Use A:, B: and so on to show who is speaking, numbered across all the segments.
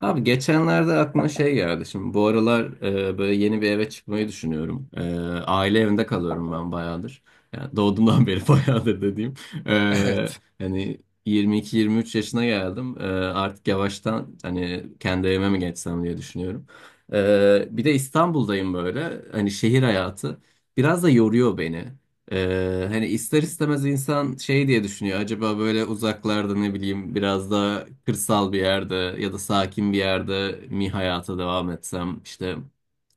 A: Abi geçenlerde aklıma şey geldi. Şimdi bu aralar böyle yeni bir eve çıkmayı düşünüyorum. Aile evinde kalıyorum ben bayağıdır. Yani doğduğumdan beri bayağıdır dediğim. E,
B: Evet.
A: hani 22-23 yaşına geldim. Artık yavaştan hani kendi evime mi geçsem diye düşünüyorum. Bir de İstanbul'dayım böyle. Hani şehir hayatı biraz da yoruyor beni. Hani ister istemez insan şey diye düşünüyor. Acaba böyle uzaklarda ne bileyim biraz daha kırsal bir yerde ya da sakin bir yerde mi hayata devam etsem işte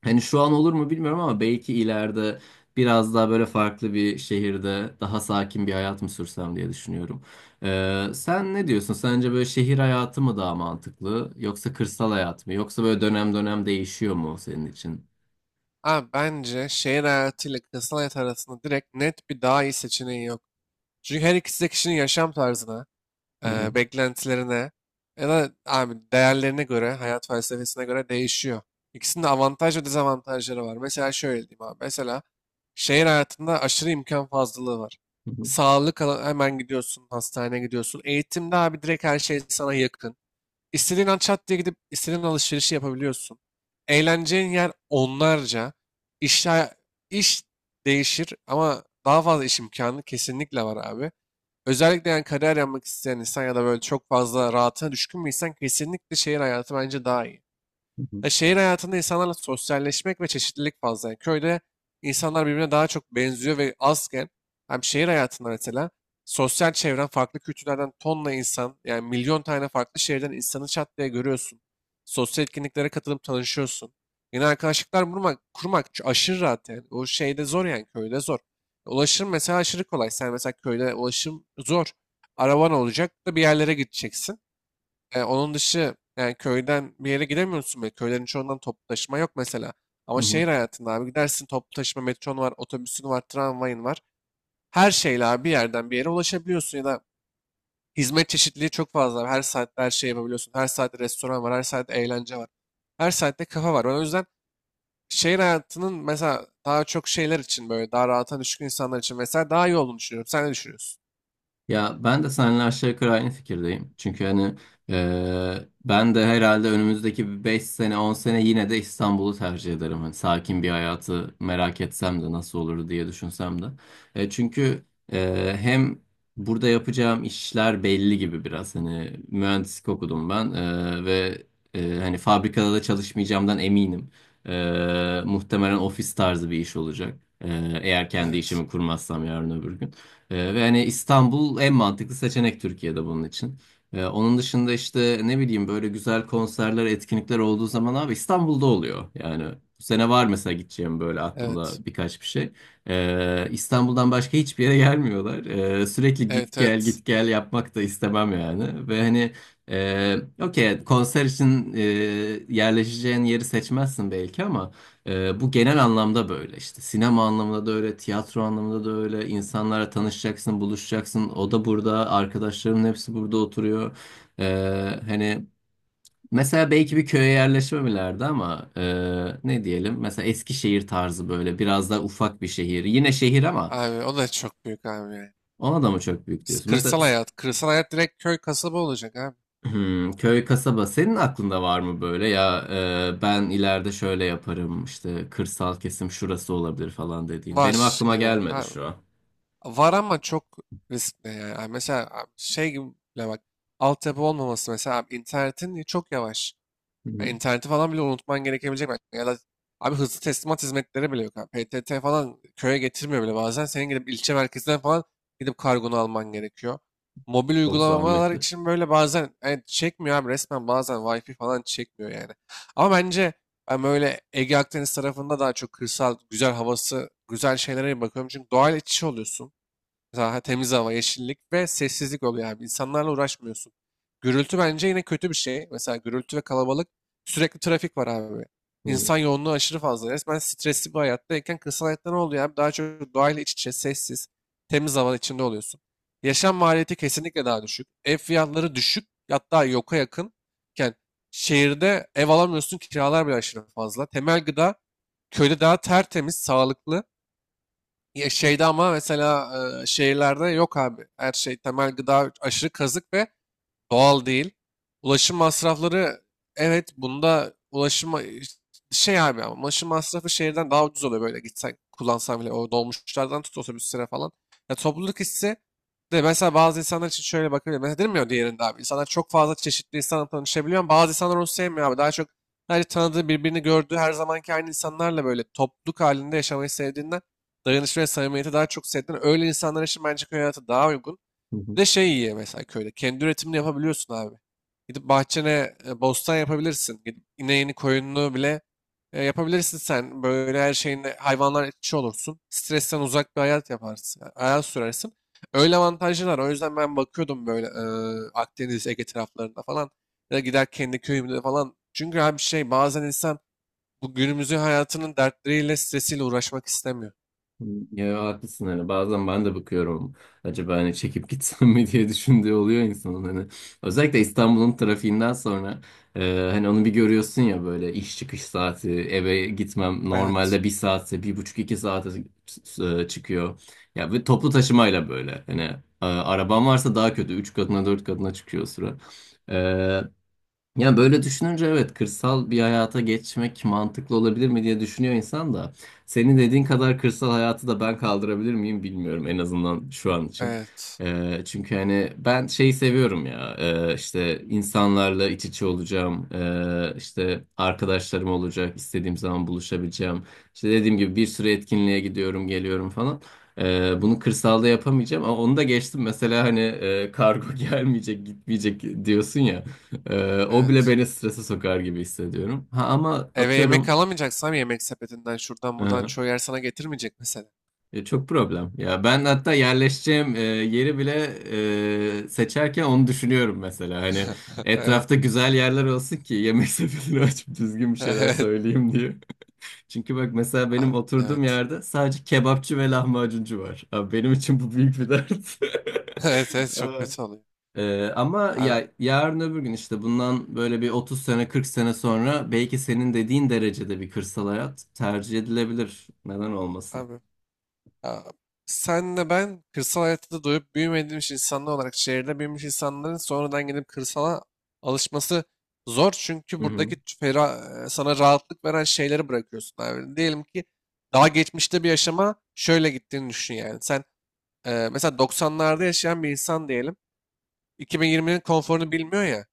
A: hani şu an olur mu bilmiyorum ama belki ileride biraz daha böyle farklı bir şehirde daha sakin bir hayat mı sürsem diye düşünüyorum. Sen ne diyorsun? Sence böyle şehir hayatı mı daha mantıklı yoksa kırsal hayat mı? Yoksa böyle dönem dönem değişiyor mu senin için?
B: Abi bence şehir hayatıyla kırsal hayat arasında direkt net bir daha iyi seçeneği yok. Çünkü her ikisi de kişinin yaşam tarzına,
A: Hı hı.
B: beklentilerine ya da abi değerlerine göre, hayat felsefesine göre değişiyor. İkisinin de avantaj ve dezavantajları var. Mesela şöyle diyeyim abi. Mesela şehir hayatında aşırı imkan fazlalığı var.
A: Hı hı.
B: Hemen gidiyorsun, hastaneye gidiyorsun. Eğitimde abi direkt her şey sana yakın. İstediğin an çat diye gidip istediğin alışverişi yapabiliyorsun. Eğleneceğin yer onlarca. İş, iş değişir ama daha fazla iş imkanı kesinlikle var abi. Özellikle yani kariyer yapmak isteyen insan ya da böyle çok fazla rahatına düşkün bir insan kesinlikle şehir hayatı bence daha iyi.
A: Hı hı.
B: Ya şehir hayatında insanlarla sosyalleşmek ve çeşitlilik fazla. Yani köyde insanlar birbirine daha çok benziyor ve azken hem şehir hayatında mesela sosyal çevren farklı kültürlerden tonla insan yani milyon tane farklı şehirden insanı çat diye görüyorsun. Sosyal etkinliklere katılıp tanışıyorsun. Yeni arkadaşlıklar kurmak aşırı rahat yani. O şeyde zor yani köyde zor. Ulaşım mesela aşırı kolay. Sen mesela köyde ulaşım zor. Araban olacak da bir yerlere gideceksin. Onun dışı yani köyden bir yere gidemiyorsun bile. Köylerin çoğundan toplu taşıma yok mesela. Ama
A: Hı hı.
B: şehir hayatında abi gidersin toplu taşıma metron var, otobüsün var, tramvayın var. Her şeyle abi bir yerden bir yere ulaşabiliyorsun ya da hizmet çeşitliliği çok fazla. Her saatte her şey yapabiliyorsun. Her saatte restoran var, her saatte eğlence var. Her saatte kafa var. Ben o yüzden şehir hayatının mesela daha çok şeyler için böyle daha rahata düşkün insanlar için mesela daha iyi olduğunu düşünüyorum. Sen ne düşünüyorsun?
A: Ya ben de seninle aşağı yukarı aynı fikirdeyim. Çünkü hani ben de herhalde önümüzdeki 5 sene 10 sene yine de İstanbul'u tercih ederim. Hani sakin bir hayatı merak etsem de nasıl olur diye düşünsem de. Çünkü hem burada yapacağım işler belli gibi biraz. Hani mühendislik okudum ben ve hani fabrikada da çalışmayacağımdan eminim. Muhtemelen ofis tarzı bir iş olacak. Eğer kendi
B: Evet.
A: işimi kurmazsam yarın öbür gün. Ve hani İstanbul en mantıklı seçenek Türkiye'de bunun için. Onun dışında işte ne bileyim böyle güzel konserler, etkinlikler olduğu zaman abi İstanbul'da oluyor. Yani bu sene var mesela gideceğim böyle
B: Evet.
A: aklımda birkaç bir şey. İstanbul'dan başka hiçbir yere gelmiyorlar. Sürekli git
B: Evet,
A: gel
B: evet.
A: git gel yapmak da istemem yani. Ve hani e, okey konser için yerleşeceğin yeri seçmezsin belki ama bu genel anlamda böyle işte sinema anlamında da öyle, tiyatro anlamında da öyle. İnsanlara tanışacaksın, buluşacaksın. O da burada, arkadaşlarımın hepsi burada oturuyor. Hani mesela belki bir köye yerleşmemelerdi ama ne diyelim? Mesela Eskişehir tarzı böyle biraz daha ufak bir şehir. Yine şehir ama
B: Abi o da çok büyük abi, ya.
A: ona da mı çok büyük diyorsun? Mesela
B: Kırsal hayat. Kırsal hayat direkt köy kasaba olacak abi.
A: köy, kasaba senin aklında var mı böyle ya ben ileride şöyle yaparım işte kırsal kesim şurası olabilir falan dediğin. Benim
B: Var
A: aklıma
B: gibi.
A: gelmedi
B: Abi.
A: şu an.
B: Var ama çok riskli yani. Abi mesela abi şey gibi bile bak. Altyapı olmaması mesela abi internetin çok yavaş.
A: Hı
B: Ha,
A: hı.
B: İnterneti falan bile unutman gerekebilecek belki. Ya da abi hızlı teslimat hizmetleri bile yok, abi. PTT falan köye getirmiyor bile bazen. Senin gidip ilçe merkezinden falan gidip kargonu alman gerekiyor. Mobil
A: Çok
B: uygulamalar
A: zahmetli.
B: için böyle bazen evet, çekmiyor abi, resmen bazen Wi-Fi falan çekmiyor yani. Ama bence ben böyle Ege Akdeniz tarafında daha çok kırsal, güzel havası, güzel şeylere bakıyorum. Çünkü doğal iç içe oluyorsun. Daha temiz hava, yeşillik ve sessizlik oluyor abi. İnsanlarla uğraşmıyorsun. Gürültü bence yine kötü bir şey. Mesela gürültü ve kalabalık, sürekli trafik var abi.
A: Hı hı.
B: İnsan yoğunluğu aşırı fazla. Resmen stresli bir hayattayken kırsal hayatta ne oluyor abi? Daha çok doğayla iç içe, sessiz, temiz hava içinde oluyorsun. Yaşam maliyeti kesinlikle daha düşük. Ev fiyatları düşük, hatta yoka yakınken şehirde ev alamıyorsun, kiralar bile aşırı fazla. Temel gıda köyde daha tertemiz, sağlıklı, ya şeyde ama mesela şehirlerde yok abi. Her şey temel gıda aşırı kazık ve doğal değil. Ulaşım masrafları, evet bunda ulaşım şey abi, ama ulaşım masrafı şehirden daha ucuz oluyor böyle gitsen kullansan bile, o dolmuşlardan tut otobüslere falan. Ya topluluk hissi de mesela bazı insanlar için şöyle bakabilir. Mesela dedim ya diğerinde abi insanlar çok fazla çeşitli insanla tanışabiliyor ama bazı insanlar onu sevmiyor abi. Daha çok sadece tanıdığı birbirini gördüğü her zamanki aynı insanlarla böyle topluluk halinde yaşamayı sevdiğinden, dayanışma ve samimiyeti daha çok sevdiğinden öyle insanlar için bence köy hayatı daha uygun.
A: Hı hı.
B: Bir de şey iyi mesela köyde. Kendi üretimini yapabiliyorsun abi. Gidip bahçene bostan yapabilirsin. Gidip ineğini, koyununu bile yapabilirsin sen. Böyle her şeyinde hayvanlar etçi olursun. Stresten uzak bir hayat yaparsın, yani hayat sürersin. Öyle avantajlar var. O yüzden ben bakıyordum böyle Akdeniz, Ege taraflarında falan. Ya da gider kendi köyümde falan. Çünkü abi şey bazen insan bu günümüzün hayatının dertleriyle, stresiyle uğraşmak istemiyor.
A: Hı. Ya haklısın hani bazen ben de bakıyorum acaba hani çekip gitsem mi diye düşündüğü oluyor insanın hani özellikle İstanbul'un trafiğinden sonra hani onu bir görüyorsun ya böyle iş çıkış saati eve gitmem
B: Evet,
A: normalde bir saatse bir buçuk 2 saate çıkıyor ya ve toplu taşımayla böyle hani araban varsa daha kötü üç katına dört katına çıkıyor o sıra. Yani böyle düşününce evet kırsal bir hayata geçmek mantıklı olabilir mi diye düşünüyor insan da senin dediğin kadar kırsal hayatı da ben kaldırabilir miyim bilmiyorum en azından şu an için.
B: evet,
A: Çünkü hani ben şeyi seviyorum ya işte insanlarla iç içe olacağım işte arkadaşlarım olacak istediğim zaman buluşabileceğim işte dediğim gibi bir sürü etkinliğe gidiyorum geliyorum falan. Bunu kırsalda yapamayacağım ama onu da geçtim mesela hani kargo gelmeyecek gitmeyecek diyorsun ya. O bile
B: evet.
A: beni strese sokar gibi hissediyorum. Ha ama
B: Eve yemek
A: atıyorum
B: alamayacaksam yemek sepetinden şuradan buradan
A: e,
B: çoğu yer sana getirmeyecek mesela.
A: çok problem. Ya ben hatta yerleşeceğim yeri bile seçerken onu düşünüyorum mesela. Hani
B: Evet.
A: etrafta güzel yerler olsun ki yemek sepetini açıp düzgün bir şeyler
B: Evet.
A: söyleyeyim diye. Çünkü bak mesela benim
B: Abi,
A: oturduğum
B: evet.
A: yerde sadece kebapçı ve lahmacuncu var. Abi benim için bu büyük bir dert.
B: Evet, evet, çok
A: Aa.
B: kötü oluyor.
A: Ama
B: Abi,
A: ya yarın öbür gün işte bundan böyle bir 30 sene 40 sene sonra belki senin dediğin derecede bir kırsal hayat tercih edilebilir. Neden olmasın?
B: abi, abi. Senle ben kırsal hayatta da doyup büyümediğimiz insanlar olarak şehirde büyümüş insanların sonradan gidip kırsala alışması zor. Çünkü
A: Hı hı.
B: buradaki sana rahatlık veren şeyleri bırakıyorsun abi. Diyelim ki daha geçmişte bir yaşama şöyle gittiğini düşün yani. Sen mesela 90'larda yaşayan bir insan diyelim. 2020'nin konforunu bilmiyor ya.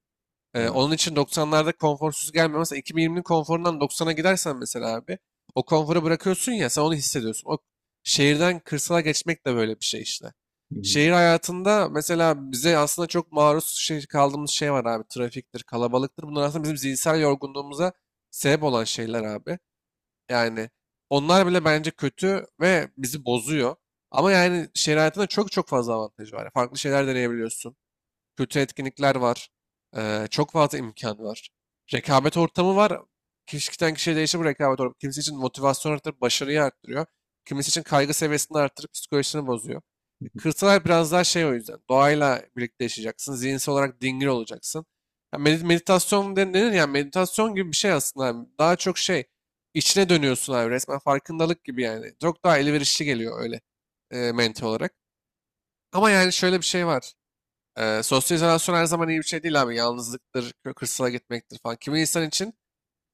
A: Evet.
B: Onun için doksanlarda konforsuz gelmiyor. Mesela 2020'nin konforundan doksan'a gidersen mesela abi o konforu bırakıyorsun ya, sen onu hissediyorsun. O şehirden kırsala geçmek de böyle bir şey işte.
A: Hı hı.
B: Şehir hayatında mesela bize aslında çok maruz şey, kaldığımız şey var abi. Trafiktir, kalabalıktır. Bunlar aslında bizim zihinsel yorgunluğumuza sebep olan şeyler abi. Yani onlar bile bence kötü ve bizi bozuyor. Ama yani şehir hayatında çok çok fazla avantajı var. Farklı şeyler deneyebiliyorsun, kötü etkinlikler var. Çok fazla imkan var. Rekabet ortamı var. Kişiden kişiye değişir bu rekabet ortamı. Kimisi için motivasyon arttırıp başarıyı arttırıyor. Kimisi için kaygı seviyesini arttırıp psikolojisini bozuyor. Kırsal hayat biraz daha şey o yüzden. Doğayla birlikte yaşayacaksın. Zihinsel olarak dingin olacaksın. Ya denir ya meditasyon gibi bir şey aslında abi. Daha çok şey içine dönüyorsun abi, resmen farkındalık gibi yani. Çok daha elverişli geliyor öyle mental olarak. Ama yani şöyle bir şey var. Sosyal izolasyon her zaman iyi bir şey değil abi. Yalnızlıktır, kırsala gitmektir falan. Kimi insan için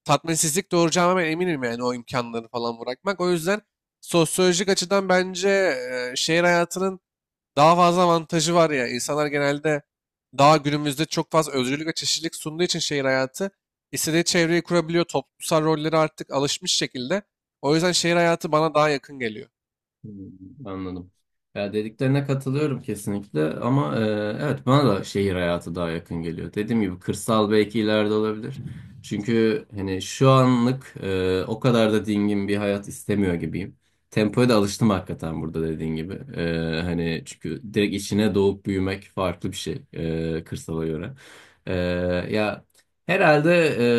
B: tatminsizlik doğuracağına ben eminim yani o imkanları falan bırakmak. O yüzden sosyolojik açıdan bence şehir hayatının daha fazla avantajı var ya. İnsanlar genelde daha günümüzde çok fazla özgürlük ve çeşitlilik sunduğu için şehir hayatı istediği çevreyi kurabiliyor. Toplumsal rolleri artık alışmış şekilde. O yüzden şehir hayatı bana daha yakın geliyor.
A: Hmm. Anladım. Ya dediklerine katılıyorum kesinlikle ama evet bana da şehir hayatı daha yakın geliyor. Dediğim gibi kırsal belki ileride olabilir. Çünkü hani şu anlık o kadar da dingin bir hayat istemiyor gibiyim. Tempoya da alıştım hakikaten burada dediğin gibi. Hani çünkü direkt içine doğup büyümek farklı bir şey kırsala göre. E, ya herhalde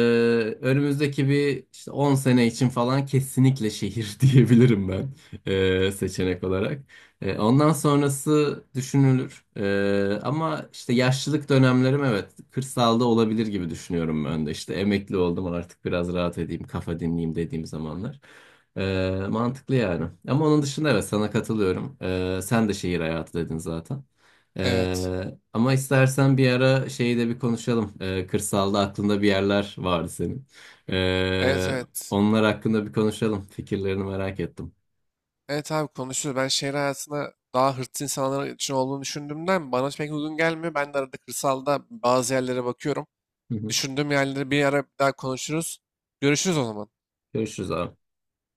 A: önümüzdeki bir işte 10 sene için falan kesinlikle şehir diyebilirim ben seçenek olarak. Ondan sonrası düşünülür. Ama işte yaşlılık dönemlerim evet kırsalda olabilir gibi düşünüyorum ben de. İşte emekli oldum artık biraz rahat edeyim, kafa dinleyeyim dediğim zamanlar. Mantıklı yani. Ama onun dışında evet sana katılıyorum. Sen de şehir hayatı dedin zaten.
B: Evet.
A: Ama istersen bir ara şeyi de bir konuşalım. Kırsalda aklında bir yerler vardı senin.
B: Evet,
A: E,
B: evet.
A: onlar hakkında bir konuşalım. Fikirlerini merak ettim.
B: Evet abi, konuşuruz. Ben şehir hayatına daha hırslı insanlar için olduğunu düşündüğümden bana pek uygun gelmiyor. Ben de arada kırsalda bazı yerlere bakıyorum.
A: Hı hı.
B: Düşündüğüm yerleri bir ara bir daha konuşuruz. Görüşürüz o zaman.
A: Görüşürüz abi.